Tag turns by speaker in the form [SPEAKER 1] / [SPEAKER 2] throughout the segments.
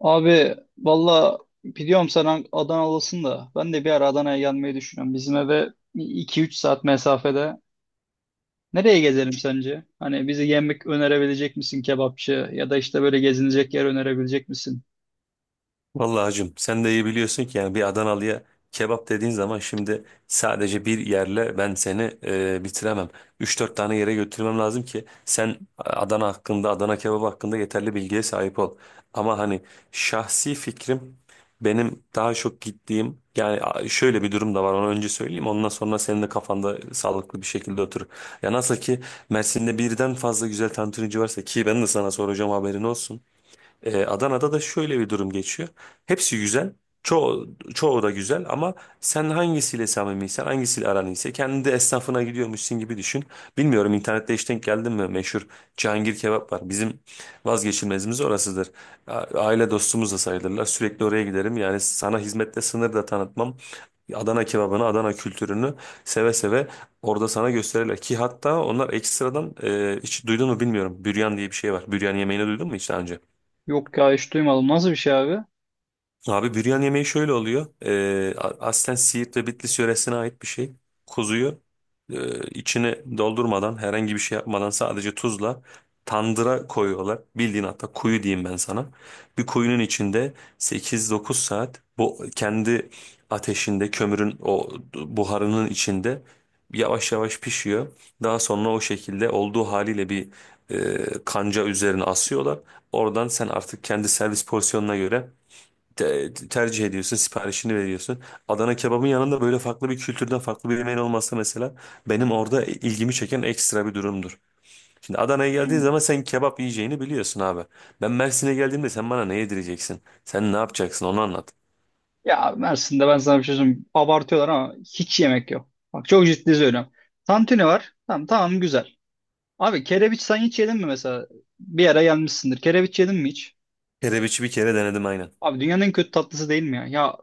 [SPEAKER 1] Abi valla biliyorum sen Adanalısın da ben de bir ara Adana'ya gelmeyi düşünüyorum. Bizim eve iki üç saat mesafede. Nereye gezelim sence? Hani bize yemek önerebilecek misin, kebapçı ya da işte böyle gezinecek yer önerebilecek misin?
[SPEAKER 2] Vallahi hacım sen de iyi biliyorsun ki yani bir Adanalı'ya kebap dediğin zaman şimdi sadece bir yerle ben seni bitiremem. Üç dört tane yere götürmem lazım ki sen Adana hakkında, Adana kebabı hakkında yeterli bilgiye sahip ol. Ama hani şahsi fikrim benim daha çok gittiğim yani şöyle bir durum da var, onu önce söyleyeyim ondan sonra senin de kafanda sağlıklı bir şekilde oturur. Ya nasıl ki Mersin'de birden fazla güzel tantunici varsa ki ben de sana soracağım, haberin olsun. Adana'da da şöyle bir durum geçiyor. Hepsi güzel. Çoğu, çoğu da güzel ama sen hangisiyle samimiysen, hangisiyle aran iyiyse kendi de esnafına gidiyormuşsun gibi düşün. Bilmiyorum, internette hiç denk geldin mi? Meşhur Cihangir kebap var. Bizim vazgeçilmezimiz orasıdır. A- Aile dostumuz da sayılırlar. Sürekli oraya giderim. Yani sana hizmette sınır da tanıtmam. Adana kebabını, Adana kültürünü seve seve orada sana gösterirler. Ki hatta onlar ekstradan hiç duydun mu bilmiyorum. Büryan diye bir şey var. Büryan yemeğini duydun mu hiç daha önce?
[SPEAKER 1] Yok ya, hiç duymadım. Nasıl bir şey abi?
[SPEAKER 2] Abi büryan yemeği şöyle oluyor. Aslen Siirt ve Bitlis yöresine ait bir şey. Kuzuyu içine doldurmadan, herhangi bir şey yapmadan sadece tuzla tandıra koyuyorlar. Bildiğin hatta kuyu diyeyim ben sana. Bir kuyunun içinde 8-9 saat bu kendi ateşinde, kömürün o buharının içinde yavaş yavaş pişiyor. Daha sonra o şekilde olduğu haliyle bir kanca üzerine asıyorlar. Oradan sen artık kendi servis porsiyonuna göre tercih ediyorsun, siparişini veriyorsun. Adana kebabın yanında böyle farklı bir kültürden farklı bir yemeğin olması mesela benim orada ilgimi çeken ekstra bir durumdur. Şimdi Adana'ya geldiğin
[SPEAKER 1] Hmm.
[SPEAKER 2] zaman sen kebap yiyeceğini biliyorsun abi. Ben Mersin'e geldiğimde sen bana ne yedireceksin? Sen ne yapacaksın, onu anlat.
[SPEAKER 1] Ya Mersin'de ben sana bir şey söyleyeyim. Abartıyorlar ama hiç yemek yok. Bak çok ciddi söylüyorum. Tantuni var. Tamam tamam, güzel. Abi kerebiç sen hiç yedin mi mesela? Bir ara gelmişsindir. Kerebiç yedin mi hiç?
[SPEAKER 2] Kerebiçi bir kere denedim, aynen.
[SPEAKER 1] Abi dünyanın en kötü tatlısı değil mi ya? Ya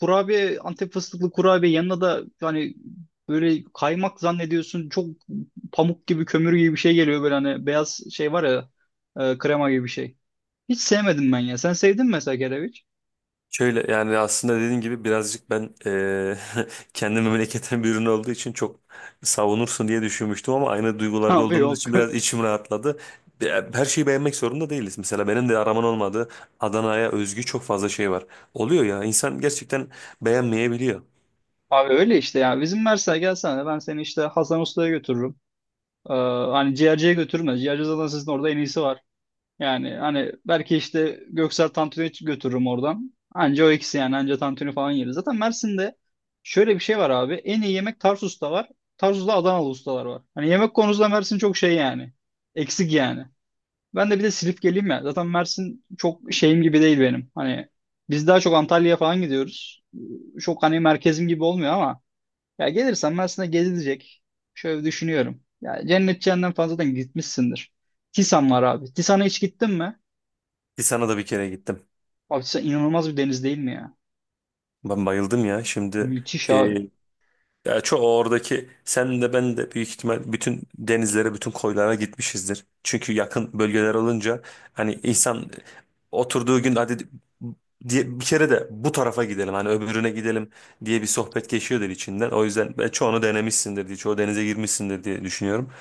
[SPEAKER 1] kurabiye, Antep fıstıklı kurabiye, yanına da hani böyle kaymak zannediyorsun, çok pamuk gibi, kömür gibi bir şey geliyor böyle, hani beyaz şey var ya, krema gibi bir şey. Hiç sevmedim ben ya. Sen sevdin mi mesela kereviç?
[SPEAKER 2] Şöyle, yani aslında dediğin gibi birazcık ben kendi memleketim bir ürün olduğu için çok savunursun diye düşünmüştüm ama aynı duygularda
[SPEAKER 1] Abi
[SPEAKER 2] olduğumuz
[SPEAKER 1] yok.
[SPEAKER 2] için biraz içim rahatladı. Her şeyi beğenmek zorunda değiliz. Mesela benim de araman olmadığı Adana'ya özgü çok fazla şey var. Oluyor ya, insan gerçekten beğenmeyebiliyor.
[SPEAKER 1] Abi öyle işte ya. Bizim Mersin'e gelsene, ben seni işte Hasan Usta'ya götürürüm. Ee, hani ciğerciye götürmez. Ciğerci zaten sizin orada en iyisi var. Yani hani belki işte Göksel tantuniyi götürürüm oradan. Anca o ikisi yani, anca tantuni falan yeriz. Zaten Mersin'de şöyle bir şey var abi. En iyi yemek Tarsus'ta var. Tarsus'ta Adanalı ustalar var. Hani yemek konusunda Mersin çok şey yani. Eksik yani. Ben de bir de Silifke'liyim ya. Zaten Mersin çok şeyim gibi değil benim. Hani biz daha çok Antalya'ya falan gidiyoruz. Çok hani merkezim gibi olmuyor ama ya gelirsen Mersin'e gezilecek. Şöyle düşünüyorum. Ya cennet cehennem falan zaten gitmişsindir. Tisan var abi. Tisan'a hiç gittin mi?
[SPEAKER 2] Ki sana da bir kere gittim.
[SPEAKER 1] Abi Tisan inanılmaz bir deniz değil mi ya?
[SPEAKER 2] Ben bayıldım ya.
[SPEAKER 1] Müthiş abi.
[SPEAKER 2] Ya çoğu oradaki, sen de ben de büyük ihtimal bütün denizlere, bütün koylara gitmişizdir. Çünkü yakın bölgeler olunca hani insan oturduğu gün hadi diye bir kere de bu tarafa gidelim, hani öbürüne gidelim diye bir sohbet geçiyordur içinden. O yüzden ben çoğunu denemişsindir diye, çoğu denize girmişsindir diye düşünüyorum.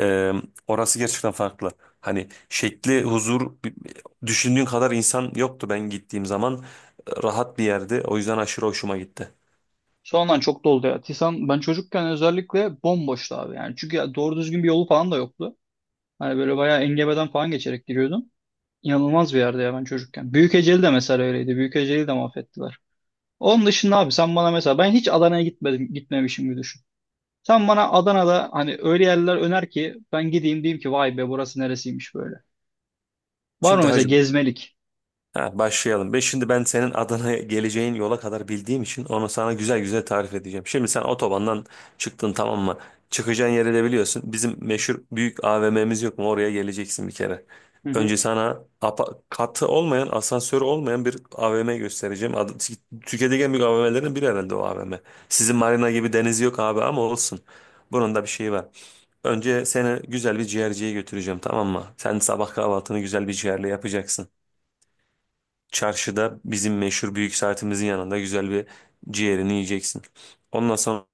[SPEAKER 2] Ee, Orası gerçekten farklı. Hani şekli, huzur, düşündüğün kadar insan yoktu ben gittiğim zaman. Rahat bir yerdi. O yüzden aşırı hoşuma gitti.
[SPEAKER 1] Sonradan çok doldu ya. Tisan ben çocukken özellikle bomboştu abi yani. Çünkü ya doğru düzgün bir yolu falan da yoktu. Hani böyle bayağı engebeden falan geçerek giriyordum. İnanılmaz bir yerde ya ben çocukken. Büyükeceli de mesela öyleydi. Büyükeceli de mahvettiler. Onun dışında abi, sen bana mesela, ben hiç Adana'ya gitmedim, gitmemişim gibi düşün. Sen bana Adana'da hani öyle yerler öner ki ben gideyim diyeyim ki vay be, burası neresiymiş böyle. Var mı
[SPEAKER 2] Şimdi
[SPEAKER 1] mesela
[SPEAKER 2] hacı
[SPEAKER 1] gezmelik?
[SPEAKER 2] Ha, başlayalım. Ve şimdi ben senin Adana'ya geleceğin yola kadar bildiğim için onu sana güzel güzel tarif edeceğim. Şimdi sen otobandan çıktın, tamam mı? Çıkacağın yeri de biliyorsun. Bizim meşhur büyük AVM'miz yok mu? Oraya geleceksin bir kere.
[SPEAKER 1] Hı hı.
[SPEAKER 2] Önce sana katı olmayan, asansörü olmayan bir AVM göstereceğim. Adı, Türkiye'deki en büyük AVM'lerin biri herhalde o AVM. Sizin marina gibi deniz yok abi, ama olsun. Bunun da bir şeyi var. Önce seni güzel bir ciğerciye götüreceğim, tamam mı? Sen sabah kahvaltını güzel bir ciğerle yapacaksın. Çarşıda bizim meşhur büyük saatimizin yanında güzel bir ciğerini yiyeceksin. Ondan sonra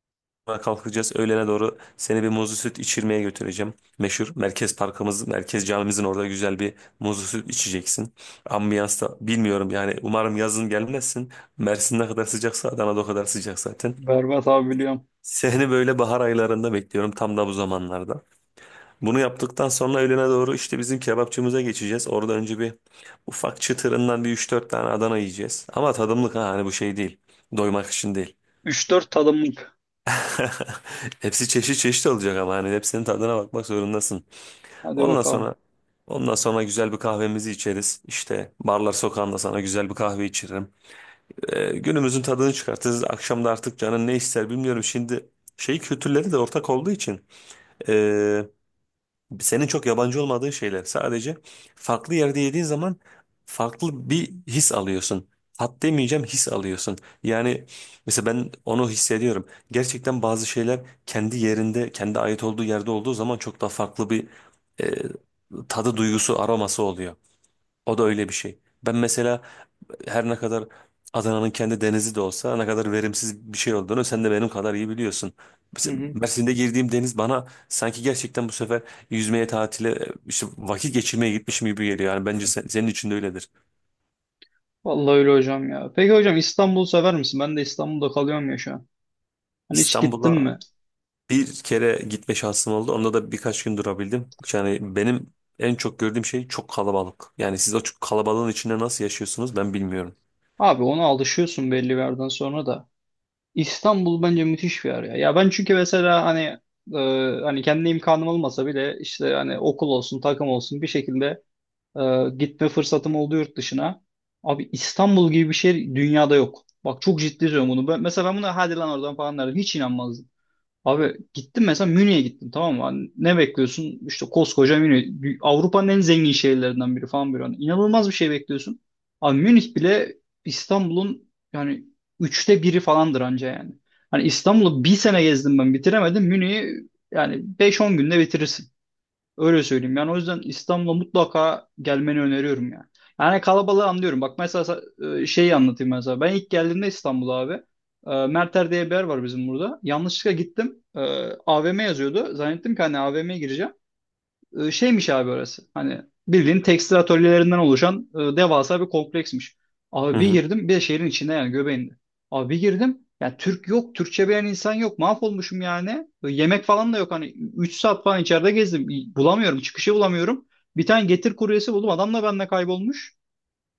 [SPEAKER 2] kalkacağız. Öğlene doğru seni bir muzlu süt içirmeye götüreceğim. Meşhur merkez parkımız, merkez camimizin orada güzel bir muzlu süt içeceksin. Ambiyans da bilmiyorum, yani umarım yazın gelmezsin. Mersin ne kadar sıcaksa Adana'da o kadar sıcak zaten.
[SPEAKER 1] Berbat abi, biliyorum.
[SPEAKER 2] Seni böyle bahar aylarında bekliyorum, tam da bu zamanlarda. Bunu yaptıktan sonra öğlene doğru işte bizim kebapçımıza geçeceğiz. Orada önce bir ufak çıtırından bir üç dört tane Adana yiyeceğiz. Ama tadımlık, ha, hani bu şey değil. Doymak için değil.
[SPEAKER 1] Üç dört tadımlık.
[SPEAKER 2] Hepsi çeşit çeşit olacak ama hani hepsinin tadına bakmak zorundasın.
[SPEAKER 1] Hadi
[SPEAKER 2] Ondan
[SPEAKER 1] bakalım.
[SPEAKER 2] sonra ondan sonra güzel bir kahvemizi içeriz. İşte barlar sokağında sana güzel bir kahve içiririm. Günümüzün tadını çıkartırız. Akşam da artık canın ne ister bilmiyorum. Şimdi şey kültürleri de ortak olduğu için, ee, senin çok yabancı olmadığın şeyler. Sadece farklı yerde yediğin zaman farklı bir his alıyorsun. Tat demeyeceğim, his alıyorsun. Yani mesela ben onu hissediyorum. Gerçekten bazı şeyler kendi yerinde, kendi ait olduğu yerde olduğu zaman çok daha farklı bir e, tadı, duygusu, aroması oluyor. O da öyle bir şey. Ben mesela her ne kadar Adana'nın kendi denizi de olsa ne kadar verimsiz bir şey olduğunu sen de benim kadar iyi biliyorsun.
[SPEAKER 1] Hı
[SPEAKER 2] Mesela
[SPEAKER 1] hı.
[SPEAKER 2] Mersin'de girdiğim deniz bana sanki gerçekten bu sefer yüzmeye, tatile, işte vakit geçirmeye gitmişim gibi geliyor. Yani bence senin için de öyledir.
[SPEAKER 1] Vallahi öyle hocam ya. Peki hocam, İstanbul'u sever misin? Ben de İstanbul'da kalıyorum ya şu an. Hani hiç gittin
[SPEAKER 2] İstanbul'a
[SPEAKER 1] mi?
[SPEAKER 2] bir kere gitme şansım oldu. Onda da birkaç gün durabildim. Yani benim en çok gördüğüm şey çok kalabalık. Yani siz o çok kalabalığın içinde nasıl yaşıyorsunuz ben bilmiyorum.
[SPEAKER 1] Abi ona alışıyorsun belli bir yerden sonra da. İstanbul bence müthiş bir yer ya. Ya ben çünkü mesela hani e, hani kendi imkanım olmasa bile işte hani okul olsun, takım olsun, bir şekilde gitme fırsatım oldu yurt dışına. Abi İstanbul gibi bir şey dünyada yok. Bak çok ciddi söylüyorum bunu. Ben, mesela ben buna hadi lan oradan falan derdim. Hiç inanmazdım. Abi gittim, mesela Münih'e gittim, tamam mı? Hani ne bekliyorsun? İşte koskoca Münih. Avrupa'nın en zengin şehirlerinden biri falan böyle. Hani inanılmaz bir şey bekliyorsun. Abi Münih bile İstanbul'un yani üçte biri falandır anca yani. Hani İstanbul'u bir sene gezdim, ben bitiremedim. Münih'i yani beş on günde bitirirsin. Öyle söyleyeyim. Yani o yüzden İstanbul'a mutlaka gelmeni öneriyorum yani. Yani kalabalığı anlıyorum. Bak mesela şeyi anlatayım mesela. Ben ilk geldiğimde İstanbul'a abi, Merter diye bir yer var bizim burada. Yanlışlıkla gittim. E, AVM yazıyordu. Zannettim ki hani AVM'ye gireceğim. E, şeymiş abi orası. Hani bildiğin tekstil atölyelerinden oluşan devasa bir kompleksmiş.
[SPEAKER 2] Hı
[SPEAKER 1] Abi bir
[SPEAKER 2] hı.
[SPEAKER 1] girdim, bir de şehrin içinde yani, göbeğinde. Abi bir girdim yani, Türk yok, Türkçe bilen insan yok. Mahvolmuşum yani. Yemek falan da yok, hani 3 saat falan içeride gezdim. Bulamıyorum, çıkışı bulamıyorum. Bir tane Getir kuryesi buldum. Adam da benimle kaybolmuş.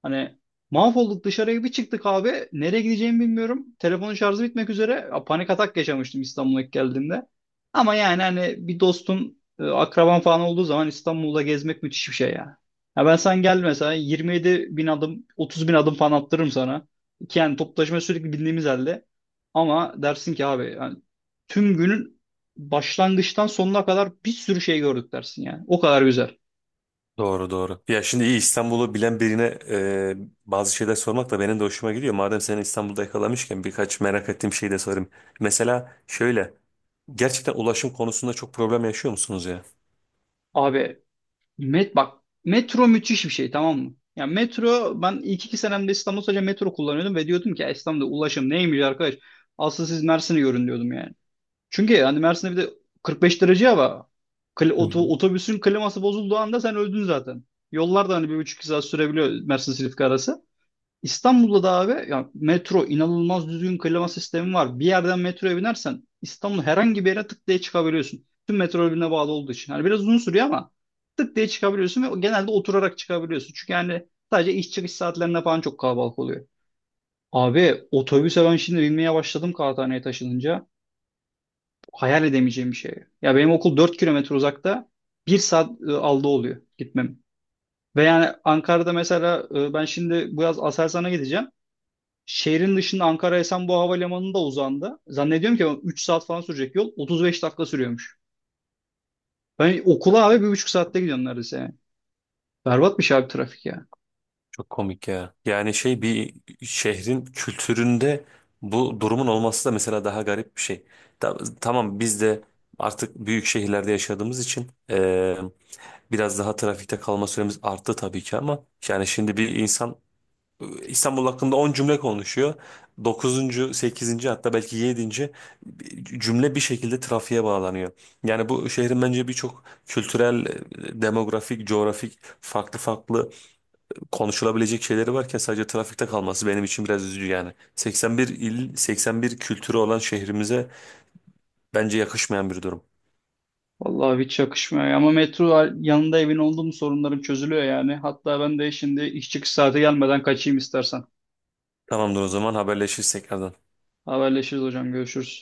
[SPEAKER 1] Hani mahvolduk, dışarıya bir çıktık abi. Nereye gideceğimi bilmiyorum. Telefonun şarjı bitmek üzere. Ya, panik atak yaşamıştım İstanbul'a ilk geldiğimde. Ama yani hani bir dostun, akraban falan olduğu zaman İstanbul'da gezmek müthiş bir şey ya. Ya ben, sen gel mesela, 27 bin adım, 30 bin adım falan attırırım sana. Ki yani toplu taşıma sürekli bindiğimiz halde. Ama dersin ki abi yani tüm günün başlangıçtan sonuna kadar bir sürü şey gördük dersin yani. O kadar güzel.
[SPEAKER 2] Doğru doğru. Ya şimdi iyi İstanbul'u bilen birine e, bazı şeyler sormak da benim de hoşuma gidiyor. Madem seni İstanbul'da yakalamışken birkaç merak ettiğim şeyi de sorayım. Mesela şöyle, gerçekten ulaşım konusunda çok problem yaşıyor musunuz ya?
[SPEAKER 1] Abi bak, metro müthiş bir şey, tamam mı? Ya metro, ben ilk iki senemde İstanbul sadece metro kullanıyordum ve diyordum ki "Ya İstanbul'da ulaşım neymiş arkadaş? Asıl siz Mersin'i görün" diyordum yani. Çünkü hani Mersin'de bir de 45 derece hava.
[SPEAKER 2] Hı hı.
[SPEAKER 1] Otobüsün kliması bozulduğu anda sen öldün zaten. Yollar da hani bir buçuk iki saat sürebiliyor Mersin Silifke arası. İstanbul'da da abi ya, metro inanılmaz düzgün, klima sistemi var. Bir yerden metroya binersen İstanbul, herhangi bir yere tık diye çıkabiliyorsun. Tüm metro birbirine bağlı olduğu için. Yani biraz uzun sürüyor ama tık diye çıkabiliyorsun ve genelde oturarak çıkabiliyorsun. Çünkü yani sadece iş çıkış saatlerinde falan çok kalabalık oluyor. Abi otobüse ben şimdi binmeye başladım Kağıthane'ye taşınınca. Hayal edemeyeceğim bir şey. Ya benim okul 4 kilometre uzakta. Bir saat aldı oluyor gitmem. Ve yani Ankara'da mesela ben şimdi bu yaz Aselsan'a gideceğim. Şehrin dışında Ankara Esenboğa Havalimanı'nda uzandı. Zannediyorum ki 3 saat falan sürecek yol. 35 dakika sürüyormuş. Ben okula abi 1,5 saatte gidiyorum neredeyse yani. Berbatmış abi trafik ya.
[SPEAKER 2] Çok komik ya. Yani şey, bir şehrin kültüründe bu durumun olması da mesela daha garip bir şey. Tamam, biz de artık büyük şehirlerde yaşadığımız için biraz daha trafikte kalma süremiz arttı tabii ki, ama yani şimdi bir insan İstanbul hakkında 10 cümle konuşuyor, dokuzuncu, sekizinci hatta belki 7. cümle bir şekilde trafiğe bağlanıyor. Yani bu şehrin bence birçok kültürel, demografik, coğrafik, farklı farklı konuşulabilecek şeyleri varken sadece trafikte kalması benim için biraz üzücü yani. 81 il, 81 kültürü olan şehrimize bence yakışmayan bir durum.
[SPEAKER 1] Vallahi hiç yakışmıyor ya. Ama metro yanında evin olduğum sorunlarım çözülüyor yani. Hatta ben de şimdi iş çıkış saati gelmeden kaçayım istersen.
[SPEAKER 2] Tamamdır, o zaman haberleşiriz tekrardan.
[SPEAKER 1] Haberleşiriz hocam, görüşürüz.